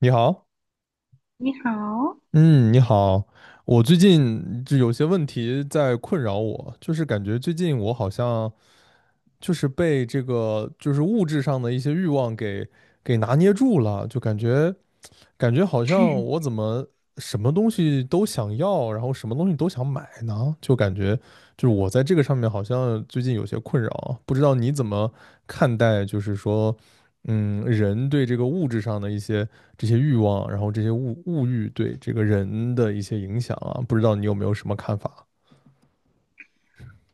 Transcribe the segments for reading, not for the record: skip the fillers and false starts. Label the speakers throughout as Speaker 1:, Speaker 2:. Speaker 1: 你好。
Speaker 2: 你好，
Speaker 1: 嗯，你好。我最近就有些问题在困扰我，就是感觉最近我好像就是被这个就是物质上的一些欲望给拿捏住了，就感觉好像我 怎么什么东西都想要，然后什么东西都想买呢？就感觉就是我在这个上面好像最近有些困扰啊，不知道你怎么看待，就是说人对这个物质上的一些这些欲望，然后这些物欲对这个人的一些影响啊，不知道你有没有什么看法？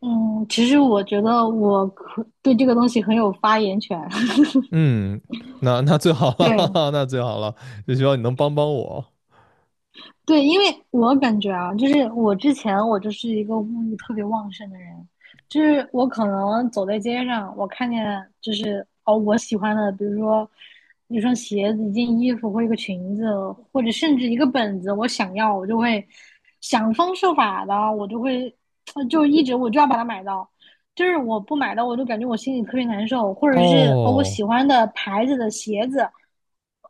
Speaker 2: 嗯，其实我觉得我可对这个东西很有发言权。
Speaker 1: 嗯，那最好了，哈
Speaker 2: 对
Speaker 1: 哈，那最好了，就希望你能帮帮我。
Speaker 2: 对，因为我感觉啊，我之前我就是一个物欲特别旺盛的人，就是我可能走在街上，我看见我喜欢的，比如说一双鞋子、一件衣服或一个裙子，或者甚至一个本子，我想要，我就会想方设法的，我就会 就一直我就要把它买到。就是我不买的，我就感觉我心里特别难受，或者是，我
Speaker 1: 哦
Speaker 2: 喜欢的牌子的鞋子，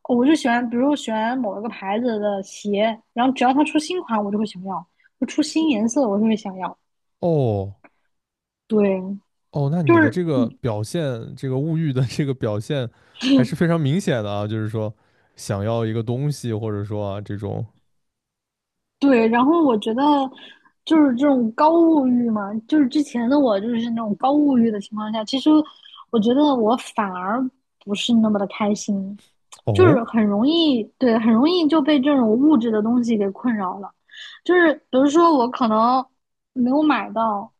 Speaker 2: 哦我就喜欢，比如喜欢某一个牌子的鞋，然后只要它出新款，我就会想要；就出新颜色，我就会想要。
Speaker 1: 哦
Speaker 2: 对，
Speaker 1: 哦，那
Speaker 2: 就
Speaker 1: 你的
Speaker 2: 是
Speaker 1: 这个表现，这个物欲的这个表现还是非常明显的啊，就是说想要一个东西，或者说啊这种。
Speaker 2: 对。然后我觉得就是这种高物欲嘛，就是之前的我就是那种高物欲的情况下，其实我觉得我反而不是那么的开心。就
Speaker 1: 哦
Speaker 2: 是很容易，对，很容易就被这种物质的东西给困扰了。就是比如说我可能没有买到，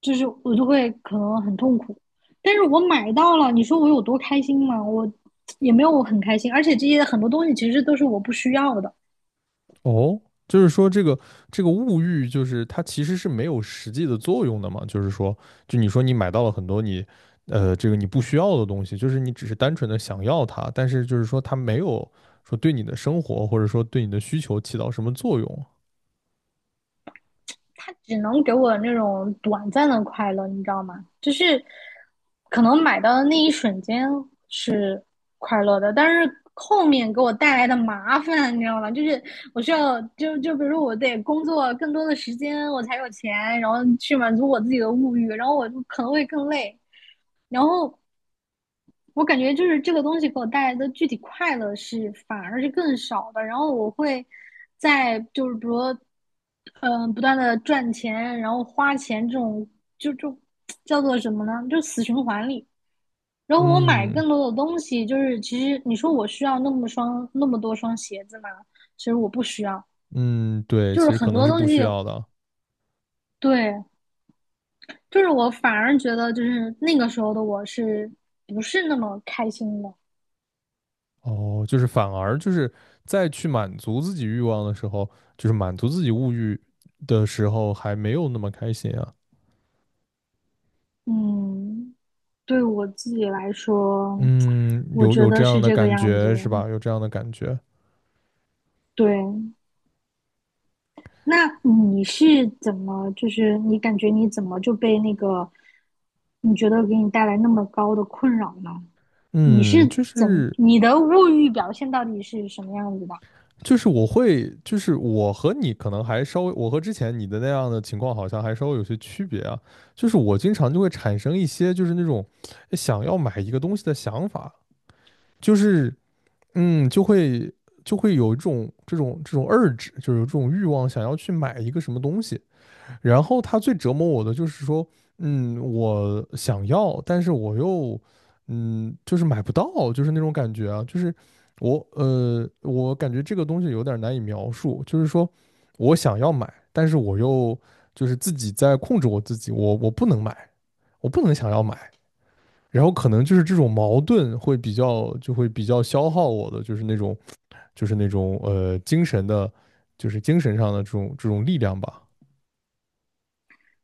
Speaker 2: 就是我就会可能很痛苦。但是我买到了，你说我有多开心吗？我也没有我很开心，而且这些很多东西其实都是我不需要的。
Speaker 1: 哦，就是说这个物欲，就是它其实是没有实际的作用的嘛。就是说，就你说你买到了很多你，这个你不需要的东西，就是你只是单纯的想要它，但是就是说它没有说对你的生活或者说对你的需求起到什么作用。
Speaker 2: 它只能给我那种短暂的快乐，你知道吗？就是可能买到的那一瞬间是快乐的，但是后面给我带来的麻烦，你知道吗？就是我需要就比如我得工作更多的时间，我才有钱，然后去满足我自己的物欲，然后我就可能会更累，然后我感觉就是这个东西给我带来的具体快乐是反而是更少的，然后我会在就是比如说，不断的赚钱，然后花钱这种就就叫做什么呢？就死循环里。然后我买
Speaker 1: 嗯。
Speaker 2: 更多的东西，就是其实你说我需要那么双那么多双鞋子吗？其实我不需要，
Speaker 1: 嗯，对，
Speaker 2: 就
Speaker 1: 其
Speaker 2: 是
Speaker 1: 实可
Speaker 2: 很
Speaker 1: 能
Speaker 2: 多
Speaker 1: 是
Speaker 2: 东
Speaker 1: 不需
Speaker 2: 西，
Speaker 1: 要的。
Speaker 2: 对，就是我反而觉得就是那个时候的我是不是那么开心的，
Speaker 1: 哦，就是反而就是在去满足自己欲望的时候，就是满足自己物欲的时候，还没有那么开心啊。
Speaker 2: 嗯。对我自己来说，
Speaker 1: 嗯，
Speaker 2: 我
Speaker 1: 有
Speaker 2: 觉
Speaker 1: 有这
Speaker 2: 得是
Speaker 1: 样的
Speaker 2: 这个
Speaker 1: 感
Speaker 2: 样子。
Speaker 1: 觉是吧？有这样的感觉。
Speaker 2: 对，那你是怎么，就是你感觉你怎么就被那个，你觉得给你带来那么高的困扰呢？你是
Speaker 1: 嗯，就
Speaker 2: 怎么，
Speaker 1: 是
Speaker 2: 你的物欲表现到底是什么样子的？
Speaker 1: 就是我会，就是我和你可能还稍微，我和之前你的那样的情况好像还稍微有些区别啊。就是我经常就会产生一些就是那种想要买一个东西的想法，就是嗯，就会就会有一种这种 urge,就是有这种欲望想要去买一个什么东西。然后他最折磨我的就是说，我想要，但是我又，就是买不到，就是那种感觉啊，就是我，我感觉这个东西有点难以描述，就是说我想要买，但是我又就是自己在控制我自己，我不能买，我不能想要买，然后可能就是这种矛盾会比较，就会比较消耗我的，就是那种，就是那种，精神的，就是精神上的这种力量吧。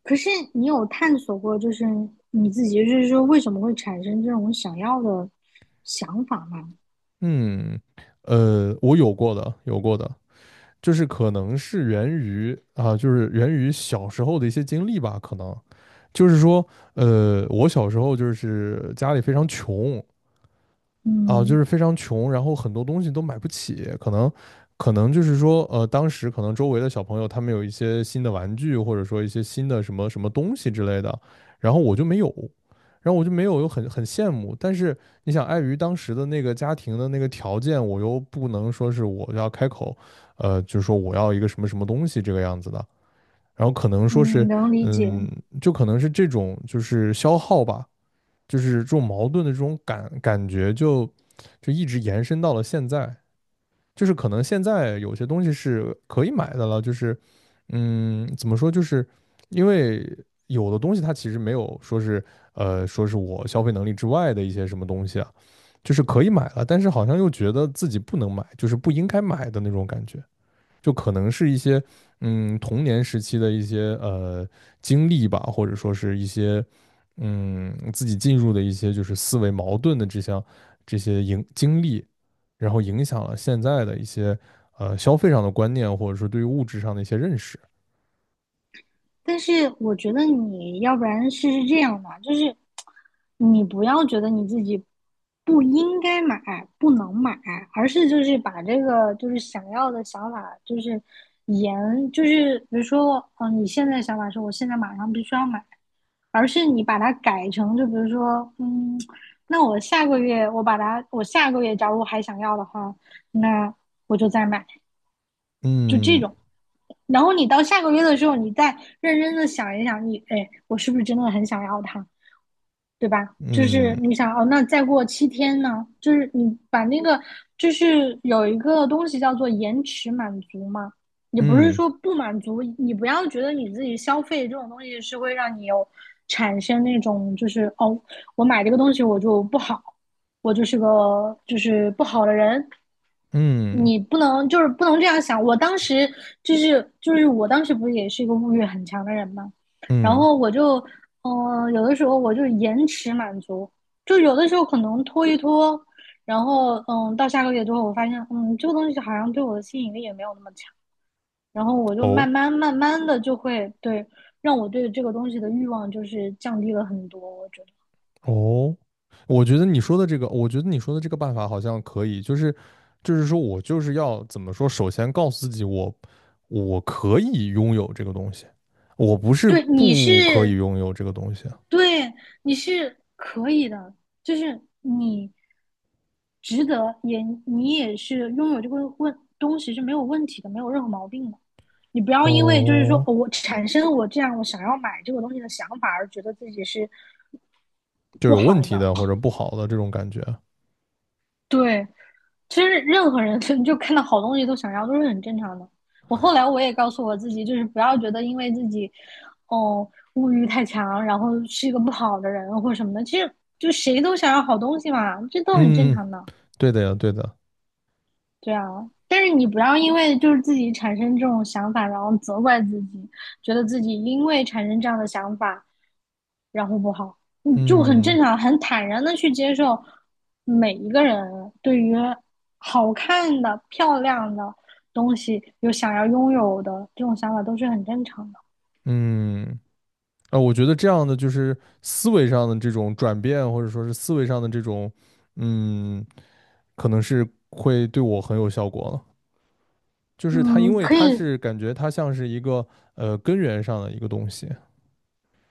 Speaker 2: 可是你有探索过，就是你自己，就是说为什么会产生这种想要的想法吗？
Speaker 1: 嗯，我有过的，有过的，就是可能是源于啊，就是源于小时候的一些经历吧，可能就是说，我小时候就是家里非常穷，啊，就
Speaker 2: 嗯
Speaker 1: 是非常穷，然后很多东西都买不起，可能，可能就是说，当时可能周围的小朋友他们有一些新的玩具，或者说一些新的什么什么东西之类的，然后我就没有，然后我就没有，又很很羡慕。但是你想，碍于当时的那个家庭的那个条件，我又不能说是我要开口，就是说我要一个什么什么东西这个样子的，然后可能说
Speaker 2: 嗯，
Speaker 1: 是，
Speaker 2: 能理解。
Speaker 1: 嗯，就可能是这种就是消耗吧。就是这种矛盾的这种感觉就就一直延伸到了现在，就是可能现在有些东西是可以买的了，就是嗯，怎么说，就是因为有的东西它其实没有说是说是我消费能力之外的一些什么东西啊，就是可以买了，但是好像又觉得自己不能买，就是不应该买的那种感觉。就可能是一些嗯童年时期的一些经历吧，或者说是一些嗯自己进入的一些就是思维矛盾的这项这些影经历，然后影响了现在的一些消费上的观念，或者说对于物质上的一些认识。
Speaker 2: 但是我觉得你要不然试试这样吧，就是你不要觉得你自己不应该买、不能买，而是就是把这个就是想要的想法，就是延，就是比如说，嗯，你现在想法是我现在马上必须要买，而是你把它改成就比如说，嗯，那我下个月假如还想要的话，那我就再买，就这
Speaker 1: 嗯
Speaker 2: 种。然后你到下个月的时候，你再认真的想一想，你哎，我是不是真的很想要它，对吧？就是
Speaker 1: 嗯
Speaker 2: 你想哦，那再过七天呢？就是你把那个，就是有一个东西叫做延迟满足嘛，也不是
Speaker 1: 嗯
Speaker 2: 说不满足，你不要觉得你自己消费这种东西是会让你有产生那种就是哦，我买这个东西我就不好，我就是个就是不好的人，
Speaker 1: 嗯
Speaker 2: 你不能不能这样想。我当时就是我当时不是也是一个物欲很强的人嘛，然
Speaker 1: 嗯
Speaker 2: 后我就有的时候我就是延迟满足，就有的时候可能拖一拖，然后嗯到下个月之后，我发现嗯这个东西好像对我的吸引力也没有那么强，然后我就
Speaker 1: 哦，
Speaker 2: 慢慢的就会对让我对这个东西的欲望就是降低了很多。我觉得，
Speaker 1: 哦，我觉得你说的这个，我觉得你说的这个办法好像可以，就是就是说我就是要怎么说，首先告诉自己我我可以拥有这个东西，我不是
Speaker 2: 对你
Speaker 1: 不可以
Speaker 2: 是
Speaker 1: 拥有这个东西。
Speaker 2: 对，你是可以的，就是你值得，也你也是拥有这个问东西是没有问题的，没有任何毛病的。你不要因为就是说
Speaker 1: 哦，
Speaker 2: 哦我产生我这样我想要买这个东西的想法而觉得自己是
Speaker 1: 就
Speaker 2: 不
Speaker 1: 有问
Speaker 2: 好
Speaker 1: 题
Speaker 2: 的。
Speaker 1: 的或者不好的这种感觉。
Speaker 2: 对，其实任何人 就看到好东西都想要，都是很正常的。我后来我也告诉我自己，就是不要觉得因为自己，哦，物欲太强，然后是一个不好的人或什么的。其实就谁都想要好东西嘛，这都很正
Speaker 1: 嗯。嗯，
Speaker 2: 常的。
Speaker 1: 对的呀，对的。
Speaker 2: 对啊，但是你不要因为就是自己产生这种想法，然后责怪自己，觉得自己因为产生这样的想法然后不好，嗯，就很正
Speaker 1: 嗯。
Speaker 2: 常，很坦然的去接受每一个人对于好看的、漂亮的东西有想要拥有的这种想法都是很正常的。
Speaker 1: 嗯，啊，我觉得这样的就是思维上的这种转变，或者说是思维上的这种，嗯，可能是会对我很有效果了。就是它，
Speaker 2: 嗯，
Speaker 1: 因为
Speaker 2: 可
Speaker 1: 它
Speaker 2: 以，
Speaker 1: 是感觉它像是一个根源上的一个东西，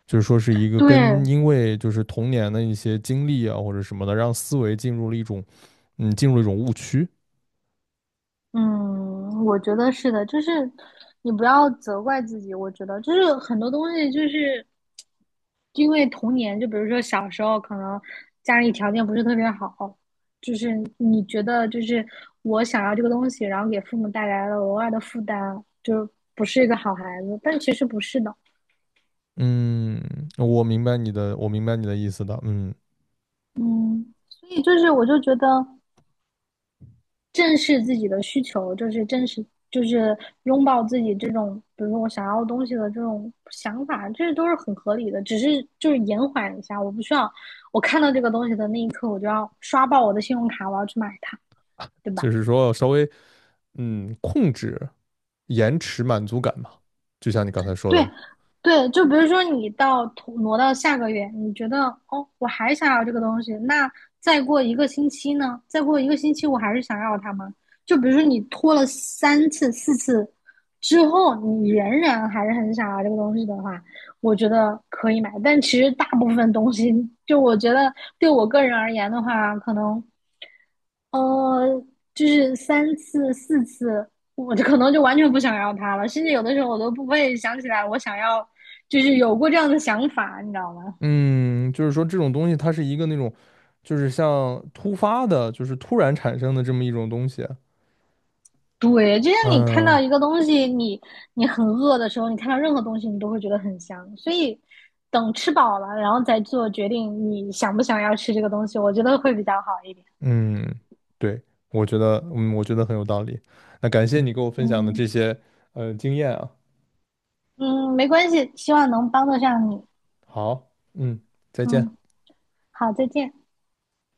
Speaker 1: 就是说是一个跟
Speaker 2: 对，
Speaker 1: 因为就是童年的一些经历啊或者什么的，让思维进入了一种嗯进入了一种误区。
Speaker 2: 嗯，我觉得是的，就是你不要责怪自己，我觉得就是很多东西就是因为童年，就比如说小时候，可能家里条件不是特别好，就是你觉得就是我想要这个东西，然后给父母带来了额外的负担，就不是一个好孩子。但其实不是的，
Speaker 1: 嗯，我明白你的，我明白你的意思的。嗯，
Speaker 2: 嗯，所以就是我就觉得正视自己的需求，就是正视，就是拥抱自己这种，比如说我想要东西的这种想法，这都是很合理的。只是就是延缓一下，我不需要我看到这个东西的那一刻，我就要刷爆我的信用卡，我要去买它，对吧？
Speaker 1: 就是说稍微嗯控制、延迟满足感嘛，就像你刚才说
Speaker 2: 对
Speaker 1: 的。
Speaker 2: 对，就比如说拖挪到下个月，你觉得哦，我还想要这个东西，那再过一个星期呢？再过一个星期，我还是想要它吗？就比如说你拖了三次、四次之后，你仍然还是很想要这个东西的话，我觉得可以买。但其实大部分东西，就我觉得对我个人而言的话，可能呃，就是三次四次，我就可能就完全不想要它了，甚至有的时候我都不会想起来我想要，就是有过这样的想法，你知道吗？
Speaker 1: 嗯，就是说这种东西它是一个那种就是像突发的，就是突然产生的这么一种东西。
Speaker 2: 对，就像你看到
Speaker 1: 嗯。
Speaker 2: 一个东西，你很饿的时候，你看到任何东西，你都会觉得很香。所以等吃饱了，然后再做决定，你想不想要吃这个东西，我觉得会比较好一点。
Speaker 1: 嗯，对，我觉得，嗯，我觉得很有道理。那感谢你给我分享的
Speaker 2: 嗯
Speaker 1: 这些经验啊。
Speaker 2: 嗯，没关系，希望能帮得上你。
Speaker 1: 好，嗯，再见。
Speaker 2: 嗯，好，再见。